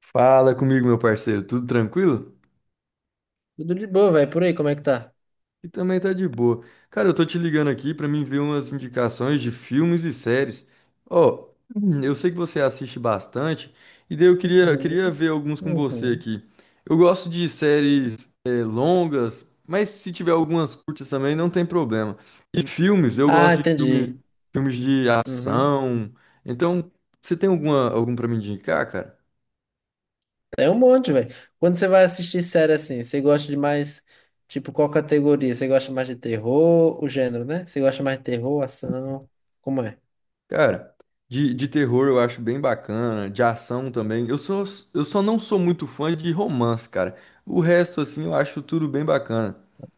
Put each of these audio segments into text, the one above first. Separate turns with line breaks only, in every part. Fala comigo, meu parceiro, tudo tranquilo?
Tudo de boa, velho. Por aí, como é que tá?
E também tá de boa. Cara, eu tô te ligando aqui pra mim ver umas indicações de filmes e séries. Ó, eu sei que você assiste bastante, e daí eu queria,
Uhum,
queria ver alguns com você
uhum.
aqui. Eu gosto de séries longas, mas se tiver algumas curtas também, não tem problema. E filmes, eu
Ah,
gosto de filme,
entendi.
filmes de
Uhum.
ação. Então, você tem algum pra me indicar, cara?
É um monte, velho. Quando você vai assistir série assim, você gosta de mais, tipo, qual categoria? Você gosta mais de terror, o gênero, né? Você gosta mais de terror, ação? Como é?
Cara, de terror eu acho bem bacana, de ação também. Eu só não sou muito fã de romance, cara. O resto, assim, eu acho tudo bem bacana.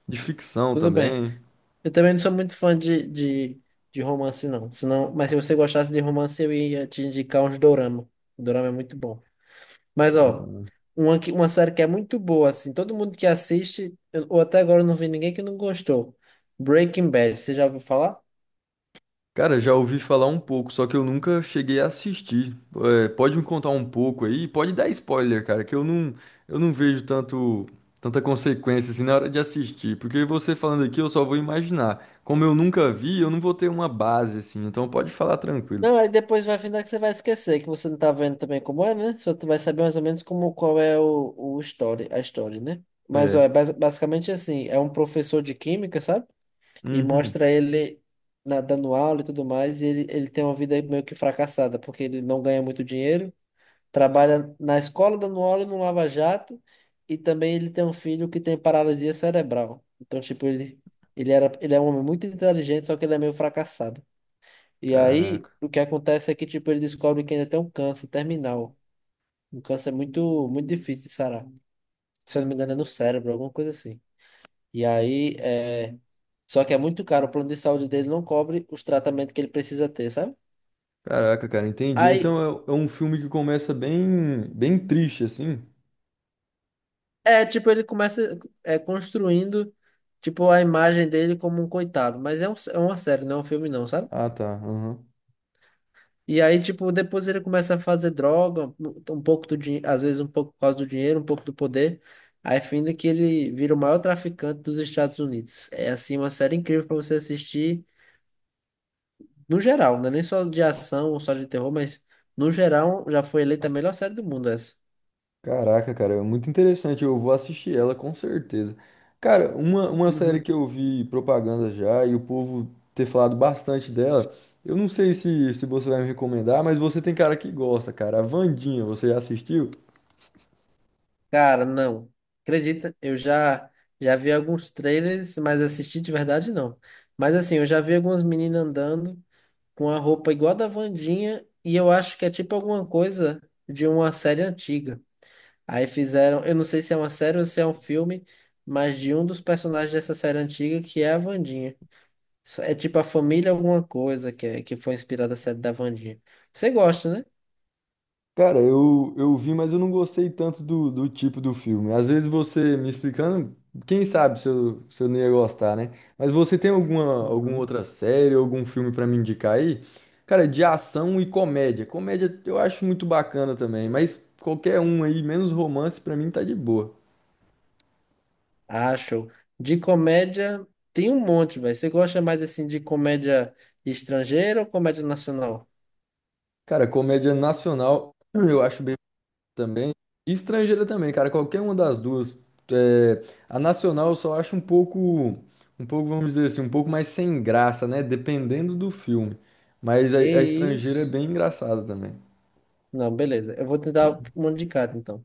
De ficção
Tudo bem.
também.
Eu também não sou muito fã de romance, não. Senão, mas se você gostasse de romance, eu ia te indicar uns dorama. O dorama é muito bom. Mas, ó, uma série que é muito boa, assim, todo mundo que assiste, ou até agora eu não vi ninguém que não gostou. Breaking Bad, você já ouviu falar?
Cara, já ouvi falar um pouco, só que eu nunca cheguei a assistir. É, pode me contar um pouco aí? Pode dar spoiler, cara, que eu não vejo tanto, tanta consequência assim na hora de assistir. Porque você falando aqui, eu só vou imaginar. Como eu nunca vi, eu não vou ter uma base assim. Então pode falar tranquilo.
Não, aí depois vai findar que você vai esquecer, que você não tá vendo também como é, né? Só tu vai saber mais ou menos como, qual é o story, a história, né? Mas, ó,
É.
é basicamente assim, é um professor de química, sabe? E
Uhum.
mostra ele dando aula e tudo mais, e ele tem uma vida meio que fracassada, porque ele não ganha muito dinheiro. Trabalha na escola dando aula no Lava Jato e também ele tem um filho que tem paralisia cerebral. Então, tipo, ele é um homem muito inteligente, só que ele é meio fracassado. E aí,
Caraca.
o que acontece é que, tipo, ele descobre que ainda tem um câncer terminal. Um câncer muito, muito difícil de sarar. Se eu não me engano, é no cérebro, alguma coisa assim. E aí, é... Só que é muito caro, o plano de saúde dele não cobre os tratamentos que ele precisa ter, sabe?
Caraca, cara, entendi.
Aí,
Então é um filme que começa bem, bem triste, assim.
é, tipo, ele começa é, construindo, tipo, a imagem dele como um coitado. Mas é uma série, não é um filme, não, sabe?
Ah, tá. Aham.
E aí, tipo, depois ele começa a fazer droga, um pouco do dinheiro, às vezes um pouco por causa do dinheiro, um pouco do poder. Aí, fim que ele vira o maior traficante dos Estados Unidos. É, assim, uma série incrível para você assistir, no geral, não é nem só de ação ou só de terror, mas no geral já foi eleita a melhor série do mundo essa.
Caraca, cara, é muito interessante. Eu vou assistir ela com certeza. Cara, uma série
Uhum.
que eu vi propaganda já e o povo ter falado bastante dela. Eu não sei se você vai me recomendar, mas você tem cara que gosta, cara. A Vandinha, você já assistiu?
Cara, não. Acredita, eu já já vi alguns trailers, mas assisti de verdade não. Mas assim, eu já vi algumas meninas andando com a roupa igual a da Wandinha e eu acho que é tipo alguma coisa de uma série antiga. Aí fizeram, eu não sei se é uma série ou se é um filme, mas de um dos personagens dessa série antiga que é a Wandinha. É tipo a família alguma coisa que foi inspirada da série da Wandinha. Você gosta, né?
Cara, eu vi, mas eu não gostei tanto do tipo do filme. Às vezes você me explicando, quem sabe se eu não ia gostar, né? Mas você tem alguma
Uhum.
outra série, algum filme pra me indicar aí? Cara, de ação e comédia. Comédia eu acho muito bacana também, mas qualquer um aí, menos romance, pra mim tá de boa.
Ah, show. De comédia, tem um monte, velho. Você gosta mais assim de comédia estrangeira ou comédia nacional?
Cara, comédia nacional eu acho também. E estrangeira também, cara. Qualquer uma das duas. É, a nacional eu só acho um pouco, vamos dizer assim, um pouco mais sem graça, né? Dependendo do filme. Mas
Que
a estrangeira é
isso?
bem engraçada também.
Não, beleza. Eu vou tentar uma de cada, então.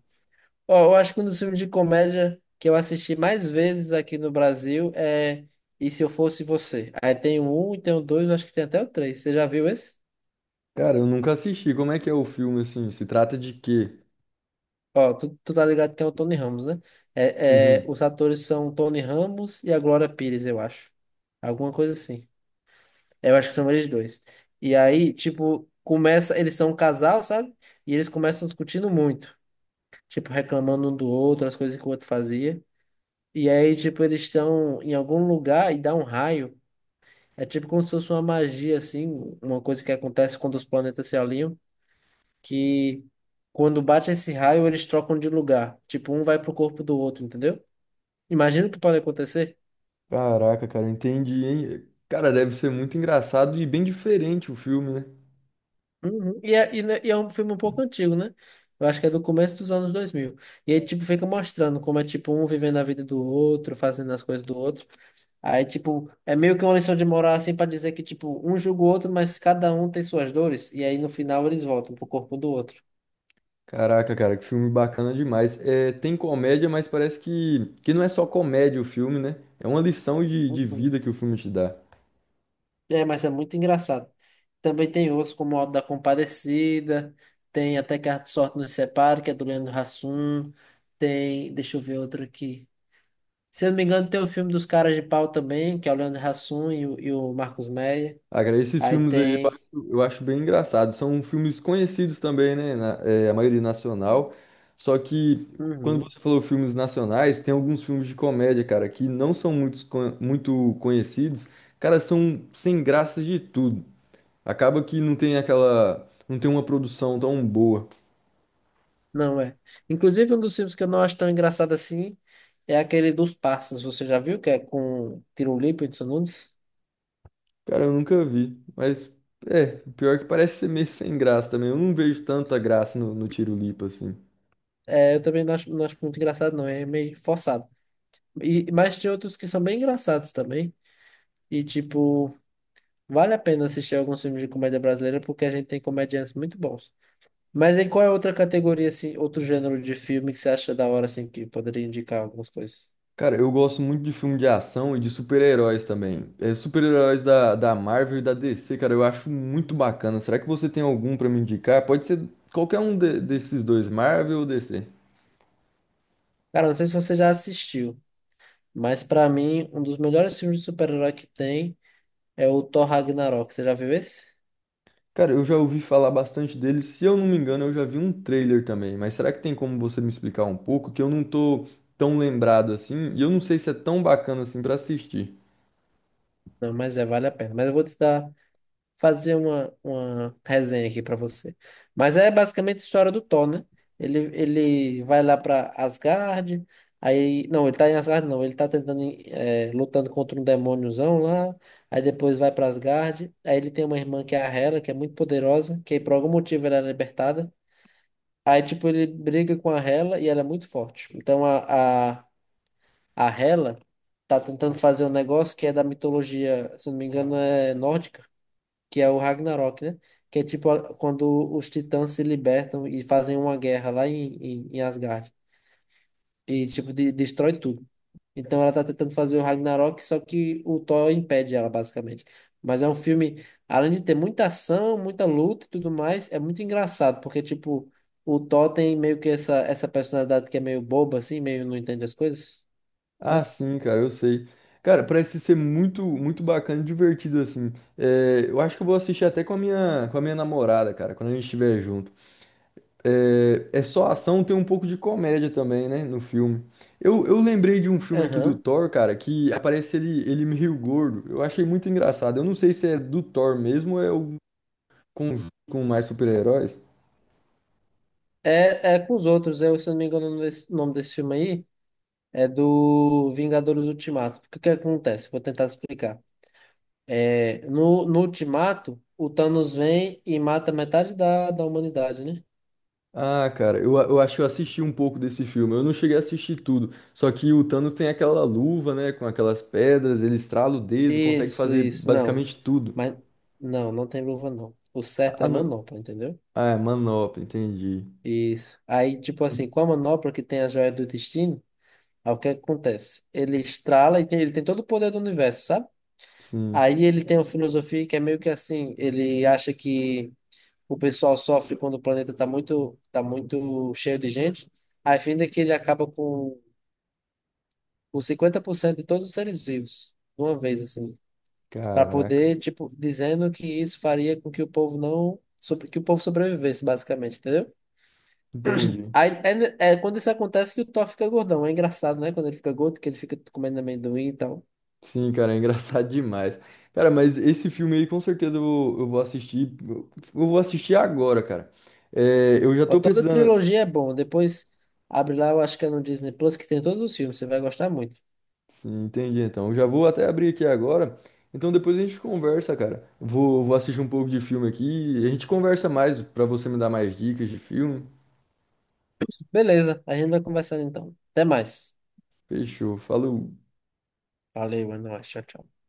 Ó, eu acho que um dos filmes de comédia que eu assisti mais vezes aqui no Brasil é E Se Eu Fosse Você. Aí tem o um e tem o dois, eu acho que tem até o três. Você já viu esse?
Cara, eu nunca assisti. Como é que é o filme, assim? Se trata de quê?
Ó, tu tá ligado que tem o Tony Ramos, né?
Uhum.
Os atores são o Tony Ramos e a Glória Pires, eu acho. Alguma coisa assim. Eu acho que são eles dois. E aí, tipo, começa. Eles são um casal, sabe? E eles começam discutindo muito. Tipo, reclamando um do outro, as coisas que o outro fazia. E aí, tipo, eles estão em algum lugar e dá um raio. É tipo como se fosse uma magia, assim, uma coisa que acontece quando os planetas se alinham, que quando bate esse raio, eles trocam de lugar. Tipo, um vai pro corpo do outro, entendeu? Imagina o que pode acontecer.
Caraca, cara, entendi, hein? Cara, deve ser muito engraçado e bem diferente o filme, né?
Uhum. E é um filme um pouco antigo, né? Eu acho que é do começo dos anos 2000. E aí, tipo, fica mostrando como é, tipo, um vivendo a vida do outro, fazendo as coisas do outro. Aí, tipo, é meio que uma lição de moral, assim, pra dizer que, tipo, um julga o outro, mas cada um tem suas dores. E aí, no final, eles voltam pro corpo do outro.
Caraca, cara, que filme bacana demais. É, tem comédia, mas parece que não é só comédia o filme, né? É uma lição de
Uhum.
vida que o filme te dá.
É, mas é muito engraçado. Também tem outros, como o Auto da Compadecida. Tem até Que a Sorte Nos Separe, que é do Leandro Hassum. Tem, deixa eu ver outro aqui. Se eu não me engano, tem o filme dos Caras de Pau também, que é o Leandro Hassum e o Marcos Meyer.
Ah, cara, esses
Aí
filmes aí
tem.
eu acho bem engraçado. São filmes conhecidos também, né? Na- é, a maioria nacional. Só que quando
Uhum.
você falou filmes nacionais, tem alguns filmes de comédia, cara, que não são muito conhecidos. Cara, são sem graça de tudo. Acaba que não tem aquela, não tem uma produção tão boa.
Não é. Inclusive, um dos filmes que eu não acho tão engraçado assim é aquele dos Parças. Você já viu? Que é com Tirulipo e Edson Nunes?
Cara, eu nunca vi. Mas, é, pior é que parece ser meio sem graça também. Eu não vejo tanta graça no Tiro Lipa, assim.
É, eu também não acho, não acho muito engraçado, não. É meio forçado. E, mas tem outros que são bem engraçados também. E, tipo, vale a pena assistir alguns filmes de comédia brasileira porque a gente tem comediantes muito bons. Mas aí qual é outra categoria, assim, outro gênero de filme que você acha da hora, assim, que poderia indicar algumas coisas?
Cara, eu gosto muito de filme de ação e de super-heróis também. É, super-heróis da Marvel e da DC, cara, eu acho muito bacana. Será que você tem algum pra me indicar? Pode ser qualquer um de- desses dois, Marvel ou DC.
Cara, não sei se você já assistiu, mas pra mim, um dos melhores filmes de super-herói que tem é o Thor Ragnarok. Você já viu esse?
Cara, eu já ouvi falar bastante dele. Se eu não me engano, eu já vi um trailer também. Mas será que tem como você me explicar um pouco? Que eu não tô tão lembrado assim. E eu não sei se é tão bacana assim pra assistir.
Não, mas é, vale a pena. Mas eu vou te dar Fazer uma resenha aqui pra você. Mas é basicamente a história do Thor, né? Ele vai lá pra Asgard, aí... Não, ele tá em Asgard, não. Ele tá tentando, lutando contra um demôniozão lá, aí depois vai pra Asgard, aí ele tem uma irmã que é a Hela, que é muito poderosa, que por algum motivo ela é libertada. Aí, tipo, ele briga com a Hela e ela é muito forte. Então, a Hela tá tentando fazer um negócio que é da mitologia, se não me engano, é nórdica, que é o Ragnarok, né? Que é tipo quando os titãs se libertam e fazem uma guerra lá em Asgard. E tipo, destrói tudo. Então ela tá tentando fazer o Ragnarok, só que o Thor impede ela, basicamente. Mas é um filme, além de ter muita ação, muita luta e tudo mais, é muito engraçado, porque tipo, o Thor tem meio que essa personalidade que é meio boba, assim, meio não entende as coisas,
Ah,
sabe?
sim, cara, eu sei. Cara, parece ser muito bacana e divertido, assim. É, eu acho que eu vou assistir até com a com a minha namorada, cara, quando a gente estiver junto. É, é só ação, tem um pouco de comédia também, né, no filme. Eu lembrei de um filme aqui do
Aham.
Thor, cara, que aparece ele, ele meio gordo. Eu achei muito engraçado. Eu não sei se é do Thor mesmo ou é o conjunto com mais super-heróis.
É, é com os outros, eu, se eu não me engano, o nome desse filme aí é do Vingadores Ultimato. Porque o que acontece? Vou tentar explicar. É, no Ultimato, o Thanos vem e mata metade da humanidade, né?
Ah, cara, eu acho que eu assisti um pouco desse filme. Eu não cheguei a assistir tudo. Só que o Thanos tem aquela luva, né? Com aquelas pedras, ele estrala o dedo, consegue
Isso,
fazer
isso, não.
basicamente tudo.
Mas não tem luva, não. O certo
Ah,
é
não.
manopla, entendeu?
Ah, é manopla, entendi.
Isso. Aí, tipo assim, com a manopla que tem a joia do destino, aí o que acontece? Ele estrala e ele tem todo o poder do universo, sabe?
Sim,
Aí ele tem uma filosofia que é meio que assim, ele acha que o pessoal sofre quando o planeta está tá muito cheio de gente, a fim de que ele acaba com 50% de todos os seres vivos, de uma vez, assim, para
caraca.
poder, tipo, dizendo que isso faria com que o povo não, sobre, que o povo sobrevivesse, basicamente, entendeu?
Entendi.
Aí, é, é quando isso acontece que o Thor fica gordão, é engraçado, né? Quando ele fica gordo, que ele fica comendo amendoim e tal.
Sim, cara, é engraçado demais. Cara, mas esse filme aí com certeza eu vou assistir. Eu vou assistir agora, cara. É, eu já
Ó,
tô
toda a
precisando.
trilogia é bom, depois... Abre lá, eu acho que é no Disney Plus, que tem todos os filmes, você vai gostar muito.
Sim, entendi. Então, eu já vou até abrir aqui agora. Então, depois a gente conversa, cara. Vou assistir um pouco de filme aqui. A gente conversa mais pra você me dar mais dicas de filme.
Beleza, a gente vai conversando então. Até mais.
Fechou. Falou.
Valeu, é nóis. Tchau, tchau.